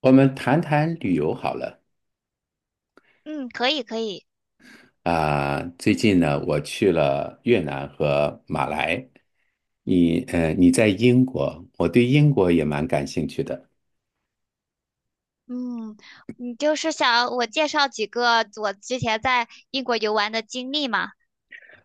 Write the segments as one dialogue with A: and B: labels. A: 我们谈谈旅游好了
B: 嗯，可以可以，
A: 啊，最近呢，我去了越南和马来。你在英国，我对英国也蛮感兴趣的，
B: 嗯，你就是想我介绍几个我之前在英国游玩的经历嘛？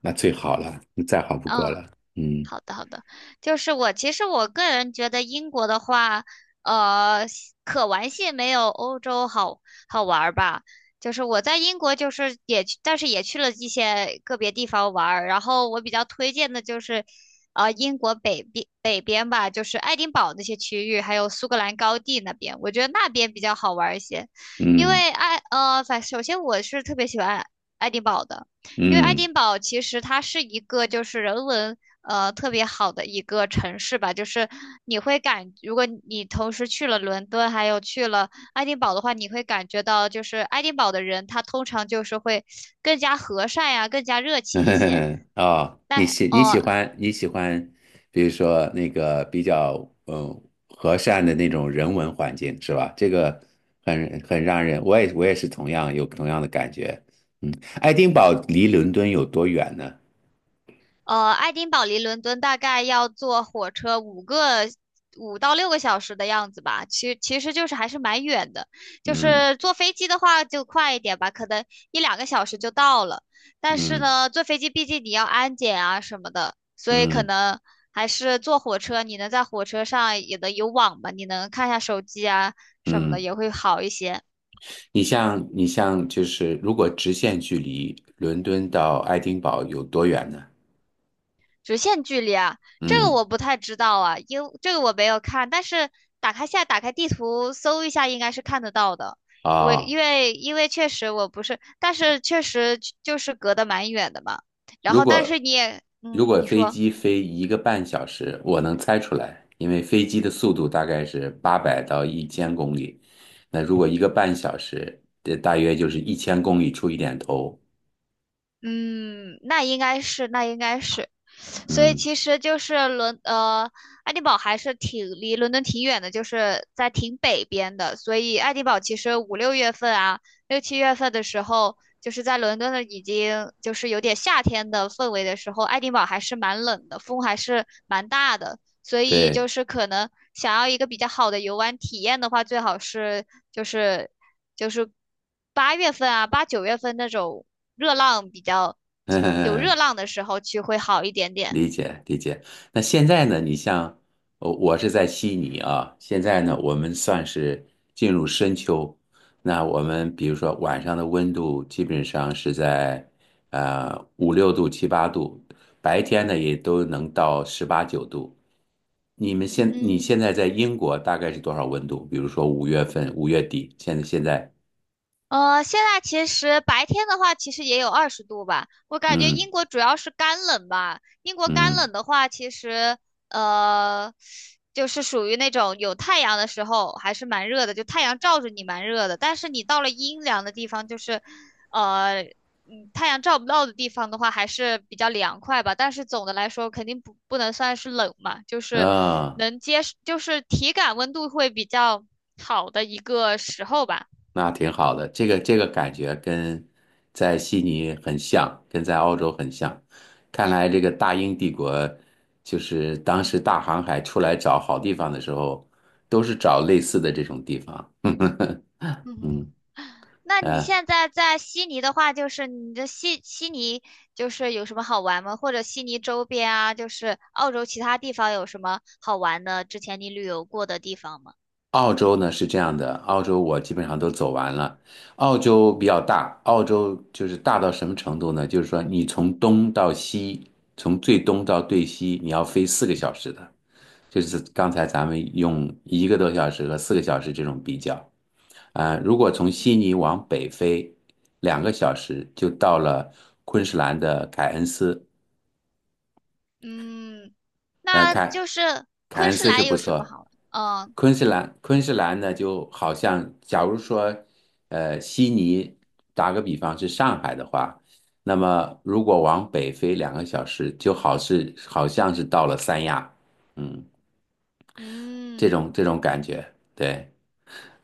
A: 那最好了，再好不过
B: 嗯，
A: 了。嗯
B: 好的，好的，就是我其实个人觉得英国的话，呃，可玩性没有欧洲好好玩儿吧。就是我在英国，就是也去，但是也去了一些个别地方玩儿。然后我比较推荐的就是，英国北边吧，就是爱丁堡那些区域，还有苏格兰高地那边，我觉得那边比较好玩儿一些。因
A: 嗯
B: 为爱呃，反首先我是特别喜欢爱丁堡的。因为爱
A: 嗯。
B: 丁堡其实它是一个就是人文特别好的一个城市吧，就是你会感，如果你同时去了伦敦，还有去了爱丁堡的话，你会感觉到就是爱丁堡的人他通常就是会更加和善呀、更加热情一些。
A: 哦，你
B: 但
A: 喜你
B: 哦、
A: 喜
B: 呃
A: 欢你喜欢，比如说那个比较嗯和善的那种人文环境是吧？这个很让人，我也是同样有同样的感觉。嗯，爱丁堡离伦敦有多远呢？
B: 爱丁堡离伦敦大概要坐火车五到六个小时的样子吧，其实就是还是蛮远的。就
A: 嗯
B: 是坐飞机的话就快一点吧，可能一两个小时就到了。但是
A: 嗯
B: 呢，坐飞机毕竟你要安检啊什么的，所以可
A: 嗯
B: 能还是坐火车，你能在火车上也能有网吧，你能看一下手机啊什么的，
A: 嗯。
B: 也会好一些。
A: 你像就是如果直线距离伦敦到爱丁堡有多远呢？
B: 直线距离啊，这个
A: 嗯
B: 我不太知道啊，因这个我没有看，但是打开地图搜一下，应该是看得到的。我
A: 啊。
B: 因为确实我不是，但是确实就是隔得蛮远的嘛。然
A: 如
B: 后但是
A: 果
B: 你也，
A: 如
B: 嗯，
A: 果
B: 你
A: 飞
B: 说。
A: 机飞一个半小时，我能猜出来，因为飞机的速度大概是800到1000公里。那如果一个半小时，这大约就是一千公里出一点头。
B: 嗯，那应该是，所以
A: 嗯，
B: 其实就是爱丁堡还是挺离伦敦挺远的，就是在挺北边的，所以爱丁堡其实五六月份啊，六七月份的时候，就是在伦敦的已经就是有点夏天的氛围的时候，爱丁堡还是蛮冷的，风还是蛮大的，所以
A: 对。
B: 就是可能想要一个比较好的游玩体验的话，最好是就是就是8月份啊，八九月份那种热浪比较有热 浪的时候去会好一点点。
A: 理解理解。那现在呢？你像，我是在悉尼啊。现在呢，我们算是进入深秋。那我们比如说晚上的温度基本上是在五六度、七八度，白天呢也都能到十八九度。你们你
B: 嗯，
A: 现在在英国大概是多少温度？比如说5月份、5月底，现在，
B: 现在其实白天的话，其实也有20度吧。我感觉
A: 嗯
B: 英国主要是干冷吧。英国干
A: 嗯
B: 冷的话，其实呃，就是属于那种有太阳的时候还是蛮热的，就太阳照着你蛮热的。但是你到了阴凉的地方，就是太阳照不到的地方的话，还是比较凉快吧。但是总的来说，肯定不能算是冷嘛，就是
A: 啊。
B: 能接受就是体感温度会比较好的一个时候吧。
A: 那挺好的，这个感觉跟在悉尼很像，跟在澳洲很像。看来这个大英帝国，就是当时大航海出来找好地方的时候，都是找类似的这种地方。
B: 嗯。
A: 嗯，
B: 那你
A: 呃，
B: 现在在悉尼的话，就是你的悉尼就是有什么好玩吗？或者悉尼周边啊，就是澳洲其他地方有什么好玩的？之前你旅游过的地方吗？
A: 澳洲呢是这样的，澳洲我基本上都走完了。澳洲比较大，澳洲就是大到什么程度呢？就是说你从东到西，从最东到最西，你要飞四个小时的。就是刚才咱们用一个多小时和四个小时这种比较，啊、如果从悉
B: 嗯
A: 尼往北飞两个小时就到了昆士兰的凯恩斯。
B: 嗯
A: 呃，
B: 那
A: 凯
B: 就是
A: 凯
B: 昆
A: 恩
B: 士
A: 斯是
B: 兰
A: 不
B: 有什么
A: 错，
B: 好玩？嗯，
A: 昆士兰呢就好像，假如说，悉尼打个比方是上海的话，那么如果往北飞两个小时，就好像是到了三亚，嗯，这
B: 嗯
A: 种这种感觉，对。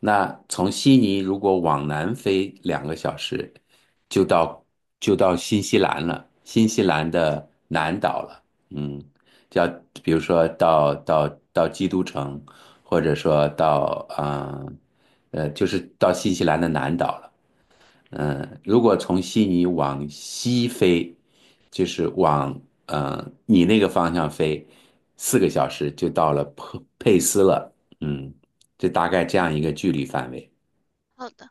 A: 那从悉尼如果往南飞两个小时，就到就到新西兰了，新西兰的南岛了，嗯，叫比如说到基督城，或者说就是到新西兰的南岛了。如果从悉尼往西飞，就是往你那个方向飞，四个小时就到了佩斯了。嗯，就大概这样一
B: 嗯，
A: 个距离范围。
B: 好的，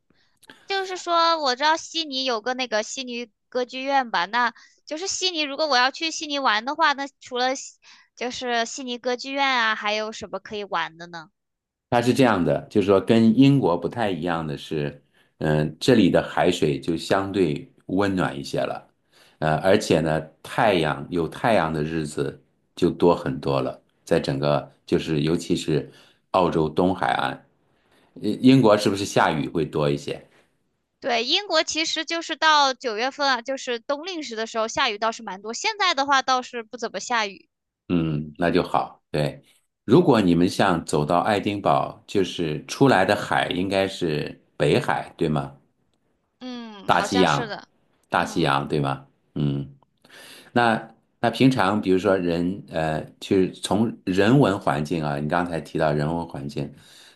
B: 就是说我知道悉尼有个那个悉尼歌剧院吧，那就是悉尼，如果我要去悉尼玩的话，那除了悉就是悉尼歌剧院啊，还有什么可以玩的呢？
A: 它是这样的，就是说跟英国不太一样的是，这里的海水就相对温暖一些了，而且呢，太阳有太阳的日子就多很多了，在整个就是尤其是澳洲东海岸。英国是不是下雨会多一些？
B: 对，英国其实就是到九月份啊，就是冬令时的时候下雨倒是蛮多，现在的话倒是不怎么下雨。
A: 嗯，那就好。对，如果你们像走到爱丁堡，就是出来的海应该是北海，对吗？
B: 嗯，
A: 大
B: 好
A: 西
B: 像是
A: 洋，
B: 的。
A: 大西
B: 嗯。
A: 洋，对吗？嗯，那平常比如说就是从人文环境啊，你刚才提到人文环境，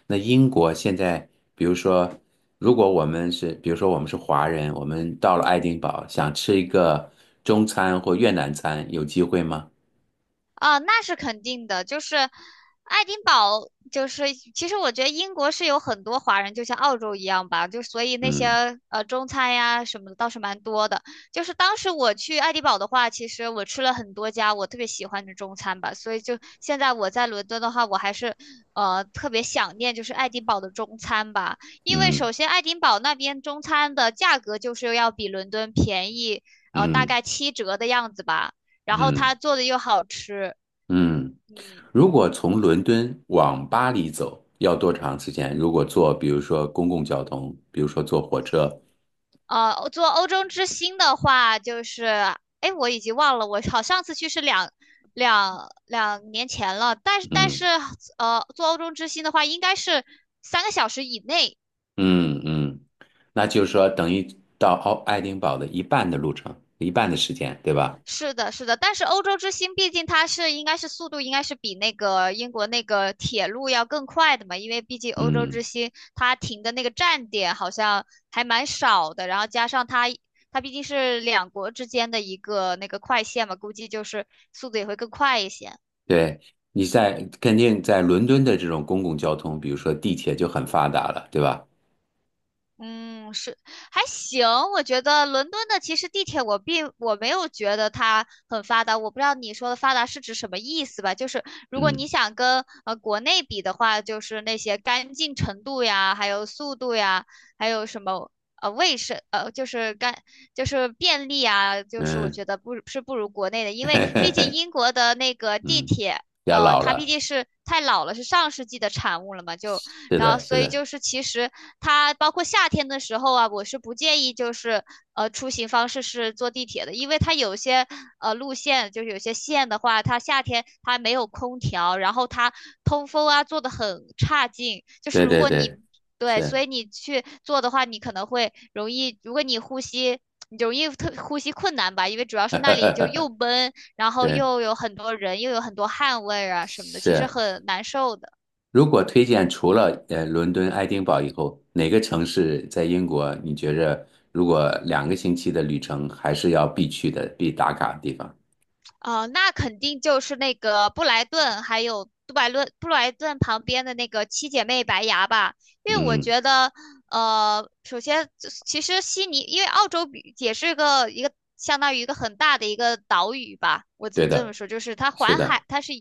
A: 那英国现在比如说，如果我们是比如说我们是华人，我们到了爱丁堡想吃一个中餐或越南餐，有机会吗？
B: 啊，那是肯定的，就是爱丁堡，就是其实我觉得英国是有很多华人，就像澳洲一样吧，就所以那些
A: 嗯
B: 中餐呀什么的倒是蛮多的。就是当时我去爱丁堡的话，其实我吃了很多家我特别喜欢的中餐吧，所以就现在我在伦敦的话，我还是特别想念就是爱丁堡的中餐吧，因为
A: 嗯
B: 首先爱丁堡那边中餐的价格就是要比伦敦便宜，大
A: 嗯
B: 概七折的样子吧。然后
A: 嗯
B: 它做的又好吃，
A: 嗯。
B: 嗯，
A: 如果从伦敦往巴黎走，要多长时间？如果坐，比如说公共交通，比如说坐火车，
B: 做欧洲之星的话，就是，哎，我已经忘了，我好上次去是两年前了，但是，
A: 嗯
B: 做欧洲之星的话，应该是3个小时以内，
A: 嗯嗯。那就是说等于到奥爱丁堡的一半的路程，一半的时间，对吧？
B: 是的，是的，但是欧洲之星毕竟它是应该是速度应该是比那个英国那个铁路要更快的嘛，因为毕竟欧洲之
A: 嗯，
B: 星它停的那个站点好像还蛮少的，然后加上它毕竟是两国之间的一个那个快线嘛，估计就是速度也会更快一些。
A: 对。你在肯定在伦敦的这种公共交通，比如说地铁就很发达了，对吧？
B: 嗯，是，还行。我觉得伦敦的其实地铁我没有觉得它很发达，我不知道你说的发达是指什么意思吧？就是如果
A: 嗯
B: 你想跟国内比的话，就是那些干净程度呀，还有速度呀，还有什么卫生呃就是干就是便利啊，就是我
A: 嗯。
B: 觉得不是不如国内的，因为毕竟 英国的那个地
A: 嗯，
B: 铁。
A: 比较老
B: 它毕
A: 了，
B: 竟是太老了，是上世纪的产物了嘛，就
A: 是
B: 然后
A: 的，是
B: 所以
A: 的。
B: 就是其实它包括夏天的时候啊，我是不建议就是出行方式是坐地铁的，因为它有些路线就是有些线的话，它夏天它没有空调，然后它通风啊做的很差劲，就是
A: 对
B: 如
A: 对
B: 果
A: 对，
B: 你对，所
A: 是。
B: 以你去做的话，你可能会容易，如果你呼吸。你就容易呼吸困难吧，因为主要是那里就又 闷，然后
A: 对
B: 又有很多人，又有很多汗味儿啊什么的，其实
A: 是。
B: 很难受的。
A: 如果推荐除了伦敦、爱丁堡以后，哪个城市在英国你觉着如果2个星期的旅程还是要必去的、必打卡的地方？
B: 哦，那肯定就是那个布莱顿，还有杜白论布莱顿旁边的那个七姐妹白牙吧，因为我
A: 嗯，
B: 觉得，首先其实悉尼，因为澳洲比也是一个相当于一个很大的一个岛屿吧，我只
A: 对
B: 能这么
A: 的，
B: 说，就是它
A: 是
B: 环
A: 的，
B: 海，它是，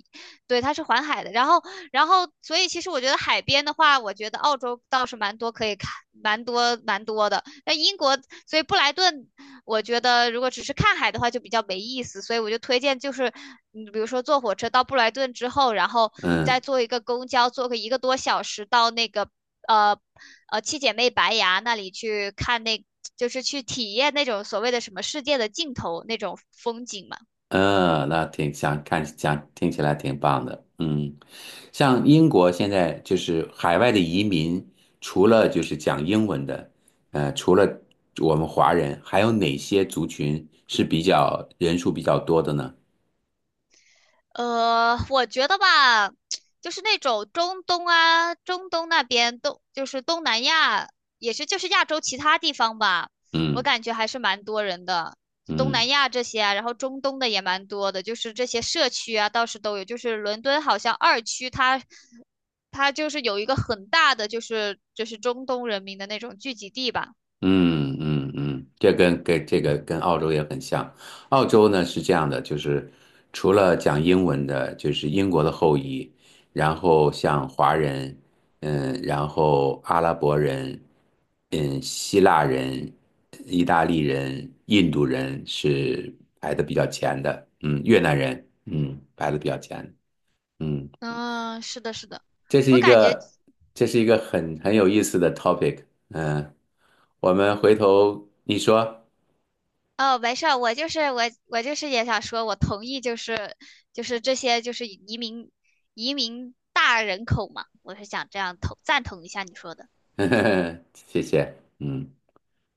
B: 对，它是环海的，然后，所以其实我觉得海边的话，我觉得澳洲倒是蛮多可以看，蛮多蛮多的，那英国，所以布莱顿。我觉得如果只是看海的话就比较没意思，所以我就推荐就是，你比如说坐火车到布莱顿之后，然后你再
A: 嗯。
B: 坐一个公交，坐个一个多小时到那个呃七姐妹白崖那里去看那，就是去体验那种所谓的什么世界的尽头那种风景嘛。
A: 嗯，那挺想看，想听起来挺棒的。嗯，像英国现在就是海外的移民，除了就是讲英文的，除了我们华人，还有哪些族群是比较人数比较多的呢？
B: 我觉得吧，就是那种中东啊，中东那边就是东南亚，也是就是亚洲其他地方吧，我
A: 嗯
B: 感觉还是蛮多人的。就东
A: 嗯。
B: 南亚这些啊，然后中东的也蛮多的，就是这些社区啊，倒是都有。就是伦敦好像2区它，它就是有一个很大的，就是中东人民的那种聚集地吧。
A: 嗯嗯嗯。这跟这个跟澳洲也很像。澳洲呢是这样的，就是除了讲英文的，就是英国的后裔，然后像华人，然后阿拉伯人，希腊人、意大利人、印度人是排的比较前的，越南人，排的比较前，嗯，
B: 嗯，是的，是的，
A: 这是
B: 我
A: 一
B: 感觉。
A: 个这是一个很有意思的 topic，我们回头你说。
B: 哦，没事儿，我就是也想说，我同意，就是这些就是移民大人口嘛，我是想这样赞同一下你说的。嗯
A: 谢谢，嗯，